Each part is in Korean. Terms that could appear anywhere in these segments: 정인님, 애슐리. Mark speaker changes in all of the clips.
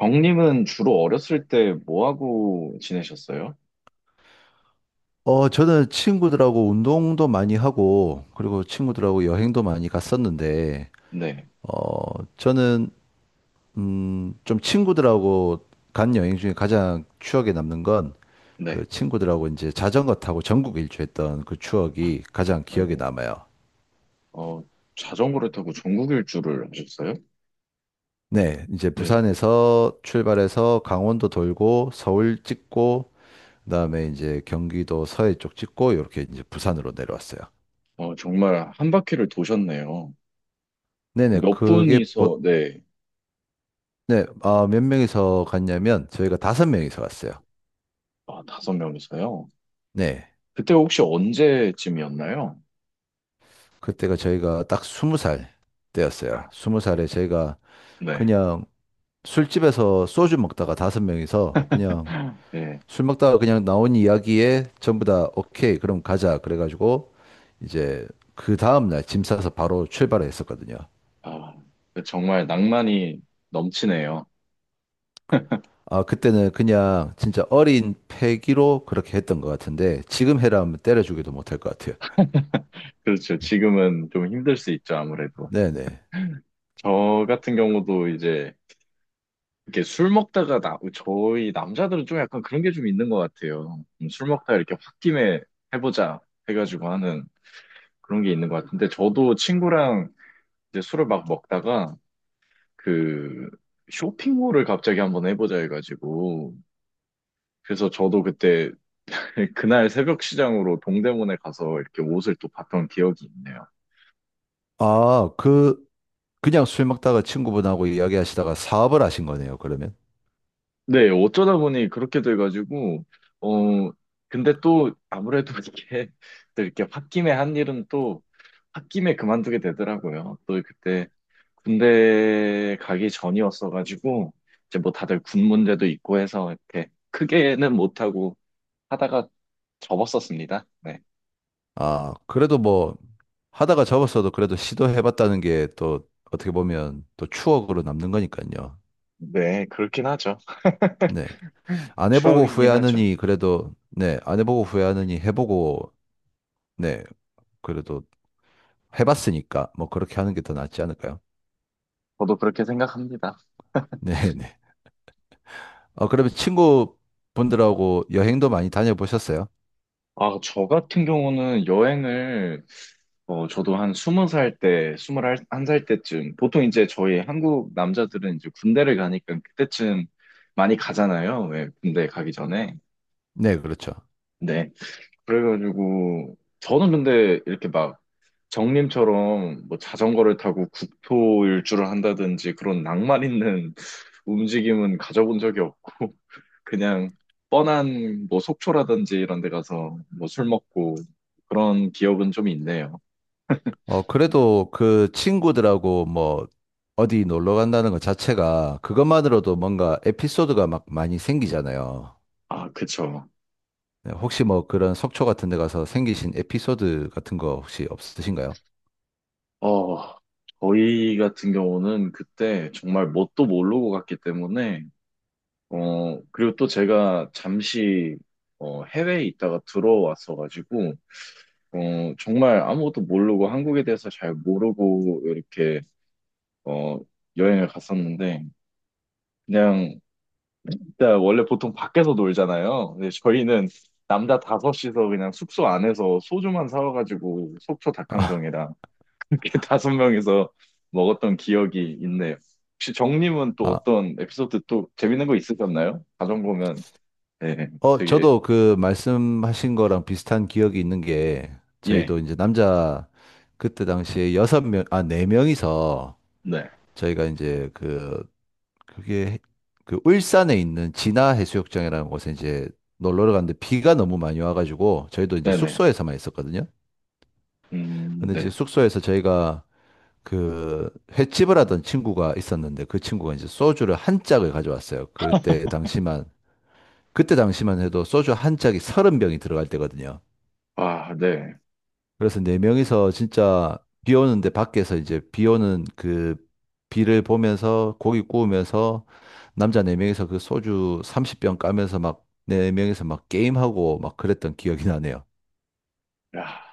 Speaker 1: 경님은 주로 어렸을 때 뭐 하고 지내셨어요?
Speaker 2: 저는 친구들하고 운동도 많이 하고, 그리고 친구들하고 여행도 많이 갔었는데,
Speaker 1: 네,
Speaker 2: 어, 저는, 좀 친구들하고 간 여행 중에 가장 추억에 남는 건,
Speaker 1: 네.
Speaker 2: 그 친구들하고 이제 자전거 타고 전국 일주했던 그 추억이 가장 기억에
Speaker 1: 아이고,
Speaker 2: 남아요.
Speaker 1: 어, 자전거를 타고 전국 일주를 하셨어요?
Speaker 2: 네, 이제
Speaker 1: 네,
Speaker 2: 부산에서 출발해서 강원도 돌고, 서울 찍고, 그다음에 이제 경기도 서해 쪽 찍고, 이렇게 이제 부산으로 내려왔어요.
Speaker 1: 정말 한 바퀴를 도셨네요.
Speaker 2: 네네,
Speaker 1: 몇 분이서, 네,
Speaker 2: 네, 아, 몇 명이서 갔냐면 저희가 다섯 명이서 갔어요.
Speaker 1: 아, 5명이서요.
Speaker 2: 네,
Speaker 1: 그때 혹시 언제쯤이었나요?
Speaker 2: 그때가 저희가 딱 스무 살 때였어요.
Speaker 1: 아,
Speaker 2: 스무 살에 저희가
Speaker 1: 네,
Speaker 2: 그냥 술집에서 소주 먹다가 다섯 명이서 그냥
Speaker 1: 네.
Speaker 2: 술 먹다가 그냥 나온 이야기에 전부 다 오케이, 그럼 가자. 그래가지고 이제 그 다음날 짐 싸서 바로 출발을 했었거든요.
Speaker 1: 아, 정말 낭만이 넘치네요.
Speaker 2: 아, 그때는 그냥 진짜 어린 패기로 그렇게 했던 것 같은데 지금 해라면 때려주기도 못할 것 같아요.
Speaker 1: 그렇죠. 지금은 좀 힘들 수 있죠, 아무래도.
Speaker 2: 네네.
Speaker 1: 저 같은 경우도 이제 이렇게 술 먹다가 저희 남자들은 좀 약간 그런 게 좀 있는 것 같아요. 술 먹다가 이렇게 홧김에 해보자 해가지고 하는 그런 게 있는 것 같은데 저도 친구랑 이제 술을 막 먹다가 그 쇼핑몰을 갑자기 한번 해보자 해가지고 그래서 저도 그때 그날 새벽 시장으로 동대문에 가서 이렇게 옷을 또 봤던 기억이 있네요.
Speaker 2: 아, 그냥 술 먹다가 친구분하고 이야기하시다가 사업을 하신 거네요, 그러면.
Speaker 1: 네, 어쩌다 보니 그렇게 돼가지고 어 근데 또 아무래도 이렇게 또 이렇게 홧김에 한 일은 또 홧김에 그만두게 되더라고요. 또 그때 군대 가기 전이었어가지고 이제 뭐 다들 군 문제도 있고 해서 이렇게 크게는 못하고 하다가 접었었습니다. 네.
Speaker 2: 아, 그래도 뭐, 하다가 접었어도 그래도 시도해봤다는 게 또 어떻게 보면 또 추억으로 남는 거니까요.
Speaker 1: 네, 그렇긴 하죠.
Speaker 2: 네. 안 해보고
Speaker 1: 추억이긴 하죠.
Speaker 2: 후회하느니 그래도, 네. 안 해보고 후회하느니 해보고, 네. 그래도 해봤으니까 뭐 그렇게 하는 게 더 낫지 않을까요?
Speaker 1: 저도 그렇게 생각합니다.
Speaker 2: 네네. 그러면 친구분들하고 여행도 많이 다녀보셨어요?
Speaker 1: 아, 저 같은 경우는 여행을. 저도 한 20살 때, 21살 때쯤, 보통 이제 저희 한국 남자들은 이제 군대를 가니까 그때쯤 많이 가잖아요. 왜 군대 가기 전에.
Speaker 2: 네, 그렇죠.
Speaker 1: 네. 그래가지고 저는 근데 이렇게 막 정님처럼 뭐 자전거를 타고 국토 일주를 한다든지 그런 낭만 있는 움직임은 가져본 적이 없고 그냥 뻔한 뭐 속초라든지 이런 데 가서 뭐 술 먹고 그런 기억은 좀 있네요.
Speaker 2: 어, 그래도 그 친구들하고 뭐 어디 놀러 간다는 것 자체가 그것만으로도 뭔가 에피소드가 막 많이 생기잖아요.
Speaker 1: 아, 그쵸.
Speaker 2: 네, 혹시 뭐 그런 속초 같은 데 가서 생기신 에피소드 같은 거 혹시 없으신가요?
Speaker 1: 어, 저희 같은 경우는 그때 정말 뭣도 모르고 갔기 때문에 그리고 또 제가 잠시 해외에 있다가 들어왔어가지고 어, 정말 아무것도 모르고 한국에 대해서 잘 모르고 이렇게 어, 여행을 갔었는데 그냥 일단 원래 보통 밖에서 놀잖아요. 근데 저희는 남자 5이서 그냥 숙소 안에서 소주만 사와가지고 속초
Speaker 2: 아,
Speaker 1: 닭강정이랑 이렇게 5명이서 먹었던 기억이 있네요. 혹시 정님은 또
Speaker 2: 아,
Speaker 1: 어떤 에피소드 또 재밌는 거 있으셨나요? 가정 보면 네, 되게
Speaker 2: 저도 그 말씀하신 거랑 비슷한 기억이 있는 게
Speaker 1: 예,
Speaker 2: 저희도 이제 남자 그때 당시에 네 명이서
Speaker 1: 네,
Speaker 2: 저희가 이제 그 그게 해- 그 울산에 있는 진화 해수욕장이라는 곳에 이제 놀러 갔는데 비가 너무 많이 와가지고 저희도 이제
Speaker 1: 네네,
Speaker 2: 숙소에서만 있었거든요. 근데 이제
Speaker 1: 네,
Speaker 2: 숙소에서 저희가 그 횟집을 하던 친구가 있었는데 그 친구가 이제 소주를 한 짝을 가져왔어요. 그때 당시만 해도 소주 한 짝이 서른 병이 들어갈 때거든요.
Speaker 1: 아, 네,
Speaker 2: 그래서 네 명이서 진짜 비 오는데 밖에서 이제 비 오는 그 비를 보면서 고기 구우면서 남자 네 명이서 그 소주 30병 까면서 막 네 명이서 막 게임하고 막 그랬던 기억이 나네요.
Speaker 1: 야.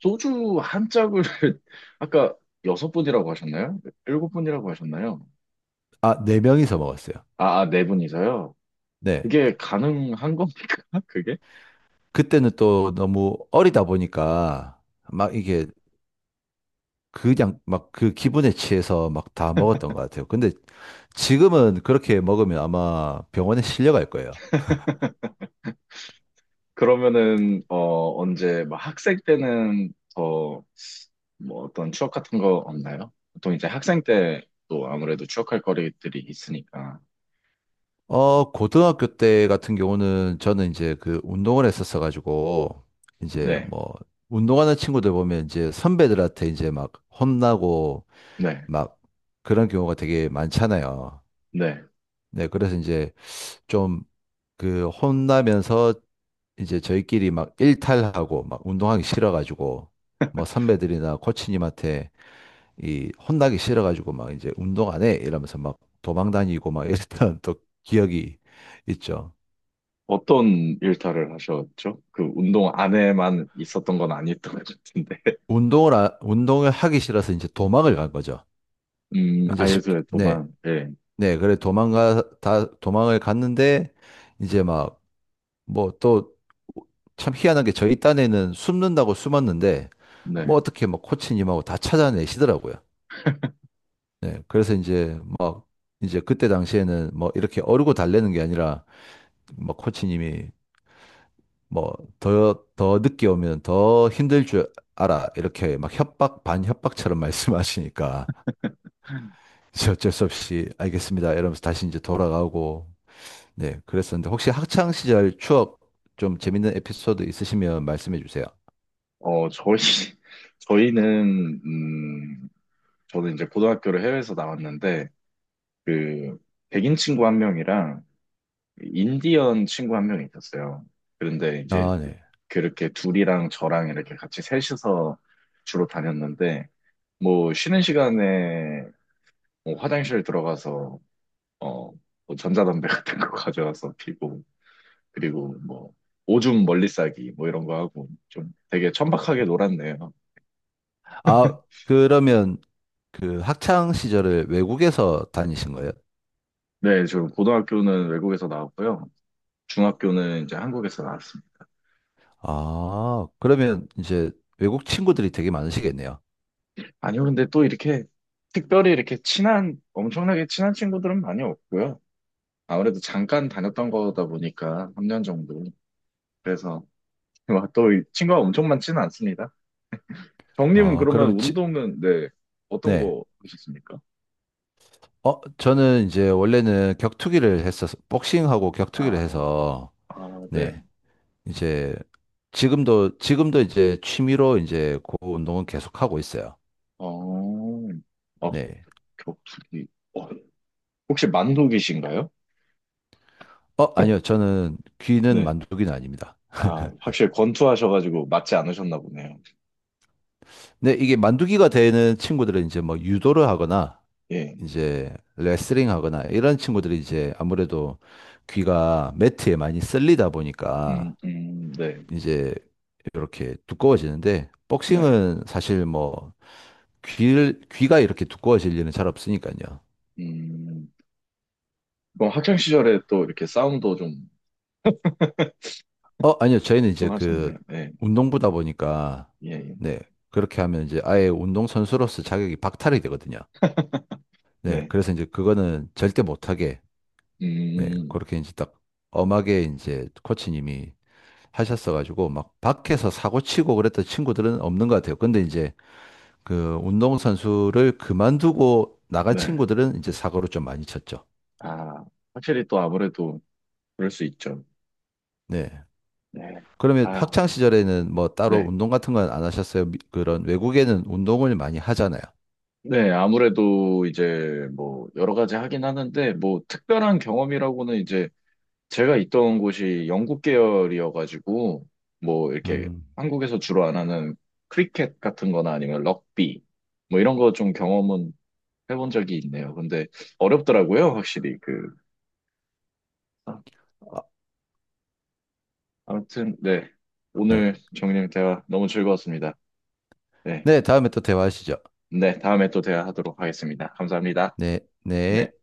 Speaker 1: 소주 한 짝을 아까 여섯 분이라고 하셨나요? 일곱 분이라고 하셨나요?
Speaker 2: 아, 네 명이서 먹었어요.
Speaker 1: 아, 아, 4분이서요.
Speaker 2: 네.
Speaker 1: 그게 가능한 겁니까? 그게?
Speaker 2: 그때는 또 너무 어리다 보니까 막 이게 그냥 막 그 기분에 취해서 막 다 먹었던 것 같아요. 근데 지금은 그렇게 먹으면 아마 병원에 실려갈 거예요.
Speaker 1: 그러면은 언제 막 학생 때는 더 뭐 어떤 추억 같은 거 없나요? 보통 이제 학생 때 또 아무래도 추억할 거리들이 있으니까.
Speaker 2: 고등학교 때 같은 경우는 저는 이제 그 운동을 했었어가지고, 이제
Speaker 1: 네,
Speaker 2: 뭐, 운동하는 친구들 보면 이제 선배들한테 이제 막 혼나고
Speaker 1: 네,
Speaker 2: 막 그런 경우가 되게 많잖아요.
Speaker 1: 네.
Speaker 2: 네, 그래서 이제 좀 그 혼나면서 이제 저희끼리 막 일탈하고 막 운동하기 싫어가지고, 뭐 선배들이나 코치님한테 이 혼나기 싫어가지고 막 이제 운동 안 해! 이러면서 막 도망 다니고 막 이랬던 또 기억이 있죠.
Speaker 1: 어떤 일탈을 하셨죠? 그 운동 안에만 있었던 건 아니었던 것 같은데.
Speaker 2: 운동을 하기 싫어서 이제 도망을 간 거죠. 이제 쉽게, 네,
Speaker 1: 아이소에도만 네
Speaker 2: 네, 도망을 갔는데, 이제 막, 뭐 또, 참 희한한 게 저희 딴에는 숨는다고 숨었는데, 뭐
Speaker 1: 네.
Speaker 2: 어떻게 막 코치님하고 다 찾아내시더라고요. 네, 그래서 이제 막, 이제 그때 당시에는 뭐 이렇게 어르고 달래는 게 아니라, 뭐 코치님이 뭐 더 늦게 오면 더 힘들 줄 알아. 이렇게 막 협박, 반협박처럼 말씀하시니까. 이제 어쩔 수 없이 알겠습니다. 이러면서 다시 이제 돌아가고 네 그랬었는데 혹시 학창 시절 추억 좀 재밌는 에피소드 있으시면 말씀해 주세요.
Speaker 1: 어, 저희, 저희는, 저는 이제 고등학교를 해외에서 나왔는데, 그, 백인 친구 1명이랑 인디언 친구 1명이 있었어요. 그런데 이제
Speaker 2: 아 네.
Speaker 1: 그렇게 둘이랑 저랑 이렇게 같이 셋이서 주로 다녔는데, 뭐, 쉬는 시간에 뭐 화장실 들어가서, 어, 뭐 전자담배 같은 거 가져와서 피고, 그리고 뭐, 오줌 멀리 싸기, 뭐 이런 거 하고, 좀 되게 천박하게 놀았네요.
Speaker 2: 아 그러면 그 학창 시절을 외국에서 다니신 거예요?
Speaker 1: 네, 저 고등학교는 외국에서 나왔고요. 중학교는 이제 한국에서 나왔습니다.
Speaker 2: 아 그러면 이제 외국 친구들이 되게 많으시겠네요.
Speaker 1: 아니요, 근데 또 이렇게 특별히 이렇게 친한, 엄청나게 친한 친구들은 많이 없고요. 아무래도 잠깐 다녔던 거다 보니까 3년 정도. 그래서 또 이 친구가 엄청 많지는 않습니다. 정님은
Speaker 2: 어
Speaker 1: 그러면
Speaker 2: 그러면 지,
Speaker 1: 운동은, 네, 어떤
Speaker 2: 네.
Speaker 1: 거 하셨습니까?
Speaker 2: 저는 이제 원래는 격투기를 했어서 복싱하고 격투기를
Speaker 1: 아,
Speaker 2: 해서
Speaker 1: 아, 네.
Speaker 2: 네. 이제 지금도 이제 취미로 이제 그 운동은 계속하고 있어요.
Speaker 1: 어, 어,
Speaker 2: 네.
Speaker 1: 격투기. 어, 혹시 만두기신가요?
Speaker 2: 아니요. 저는 귀는
Speaker 1: 네.
Speaker 2: 만두기는 아닙니다.
Speaker 1: 아, 확실히 권투하셔가지고 맞지 않으셨나 보네요.
Speaker 2: 네, 이게 만두기가 되는 친구들은 이제 뭐 유도를 하거나
Speaker 1: 예.
Speaker 2: 이제 레슬링 하거나 이런 친구들이 이제 아무래도 귀가 매트에 많이 쓸리다 보니까
Speaker 1: 네,
Speaker 2: 이제 이렇게 두꺼워지는데
Speaker 1: 네.
Speaker 2: 복싱은 사실 뭐 귀를 귀가 이렇게 두꺼워질 일은 잘 없으니까요.
Speaker 1: 음, 그럼 학창 시절에 또 이렇게 싸움도 좀,
Speaker 2: 아니요. 저희는
Speaker 1: 좀
Speaker 2: 이제 그
Speaker 1: 하셨네요. 네,
Speaker 2: 운동부다 보니까
Speaker 1: 예, 예.
Speaker 2: 네. 그렇게 하면 이제 아예 운동선수로서 자격이 박탈이 되거든요. 네.
Speaker 1: 네.
Speaker 2: 그래서 이제 그거는 절대 못하게 네.
Speaker 1: 음,
Speaker 2: 그렇게 이제 딱 엄하게 이제 코치님이 하셨어가지고 막 밖에서 사고 치고 그랬던 친구들은 없는 것 같아요. 근데 이제 그 운동선수를 그만두고 나간
Speaker 1: 네.
Speaker 2: 친구들은 이제 사고를 좀 많이 쳤죠.
Speaker 1: 아, 확실히 또 아무래도 그럴 수 있죠.
Speaker 2: 네.
Speaker 1: 네.
Speaker 2: 그러면
Speaker 1: 아유,
Speaker 2: 학창 시절에는 뭐 따로
Speaker 1: 네.
Speaker 2: 운동 같은 건 안 하셨어요? 그런 외국에는 운동을 많이 하잖아요.
Speaker 1: 네, 아무래도 이제 뭐 여러 가지 하긴 하는데 뭐 특별한 경험이라고는 이제 제가 있던 곳이 영국 계열이어가지고 뭐 이렇게
Speaker 2: 음.
Speaker 1: 한국에서 주로 안 하는 크리켓 같은 거나 아니면 럭비 뭐 이런 거 좀 경험은 해본 적이 있네요. 근데 어렵더라고요, 확실히. 아,
Speaker 2: 아,
Speaker 1: 아무튼, 네.
Speaker 2: 네.
Speaker 1: 오늘 정인님 대화 너무 즐거웠습니다. 네.
Speaker 2: 네, 다음에 또 대화하시죠.
Speaker 1: 네, 다음에 또 대화하도록 하겠습니다. 감사합니다.
Speaker 2: 네, 네.
Speaker 1: 네.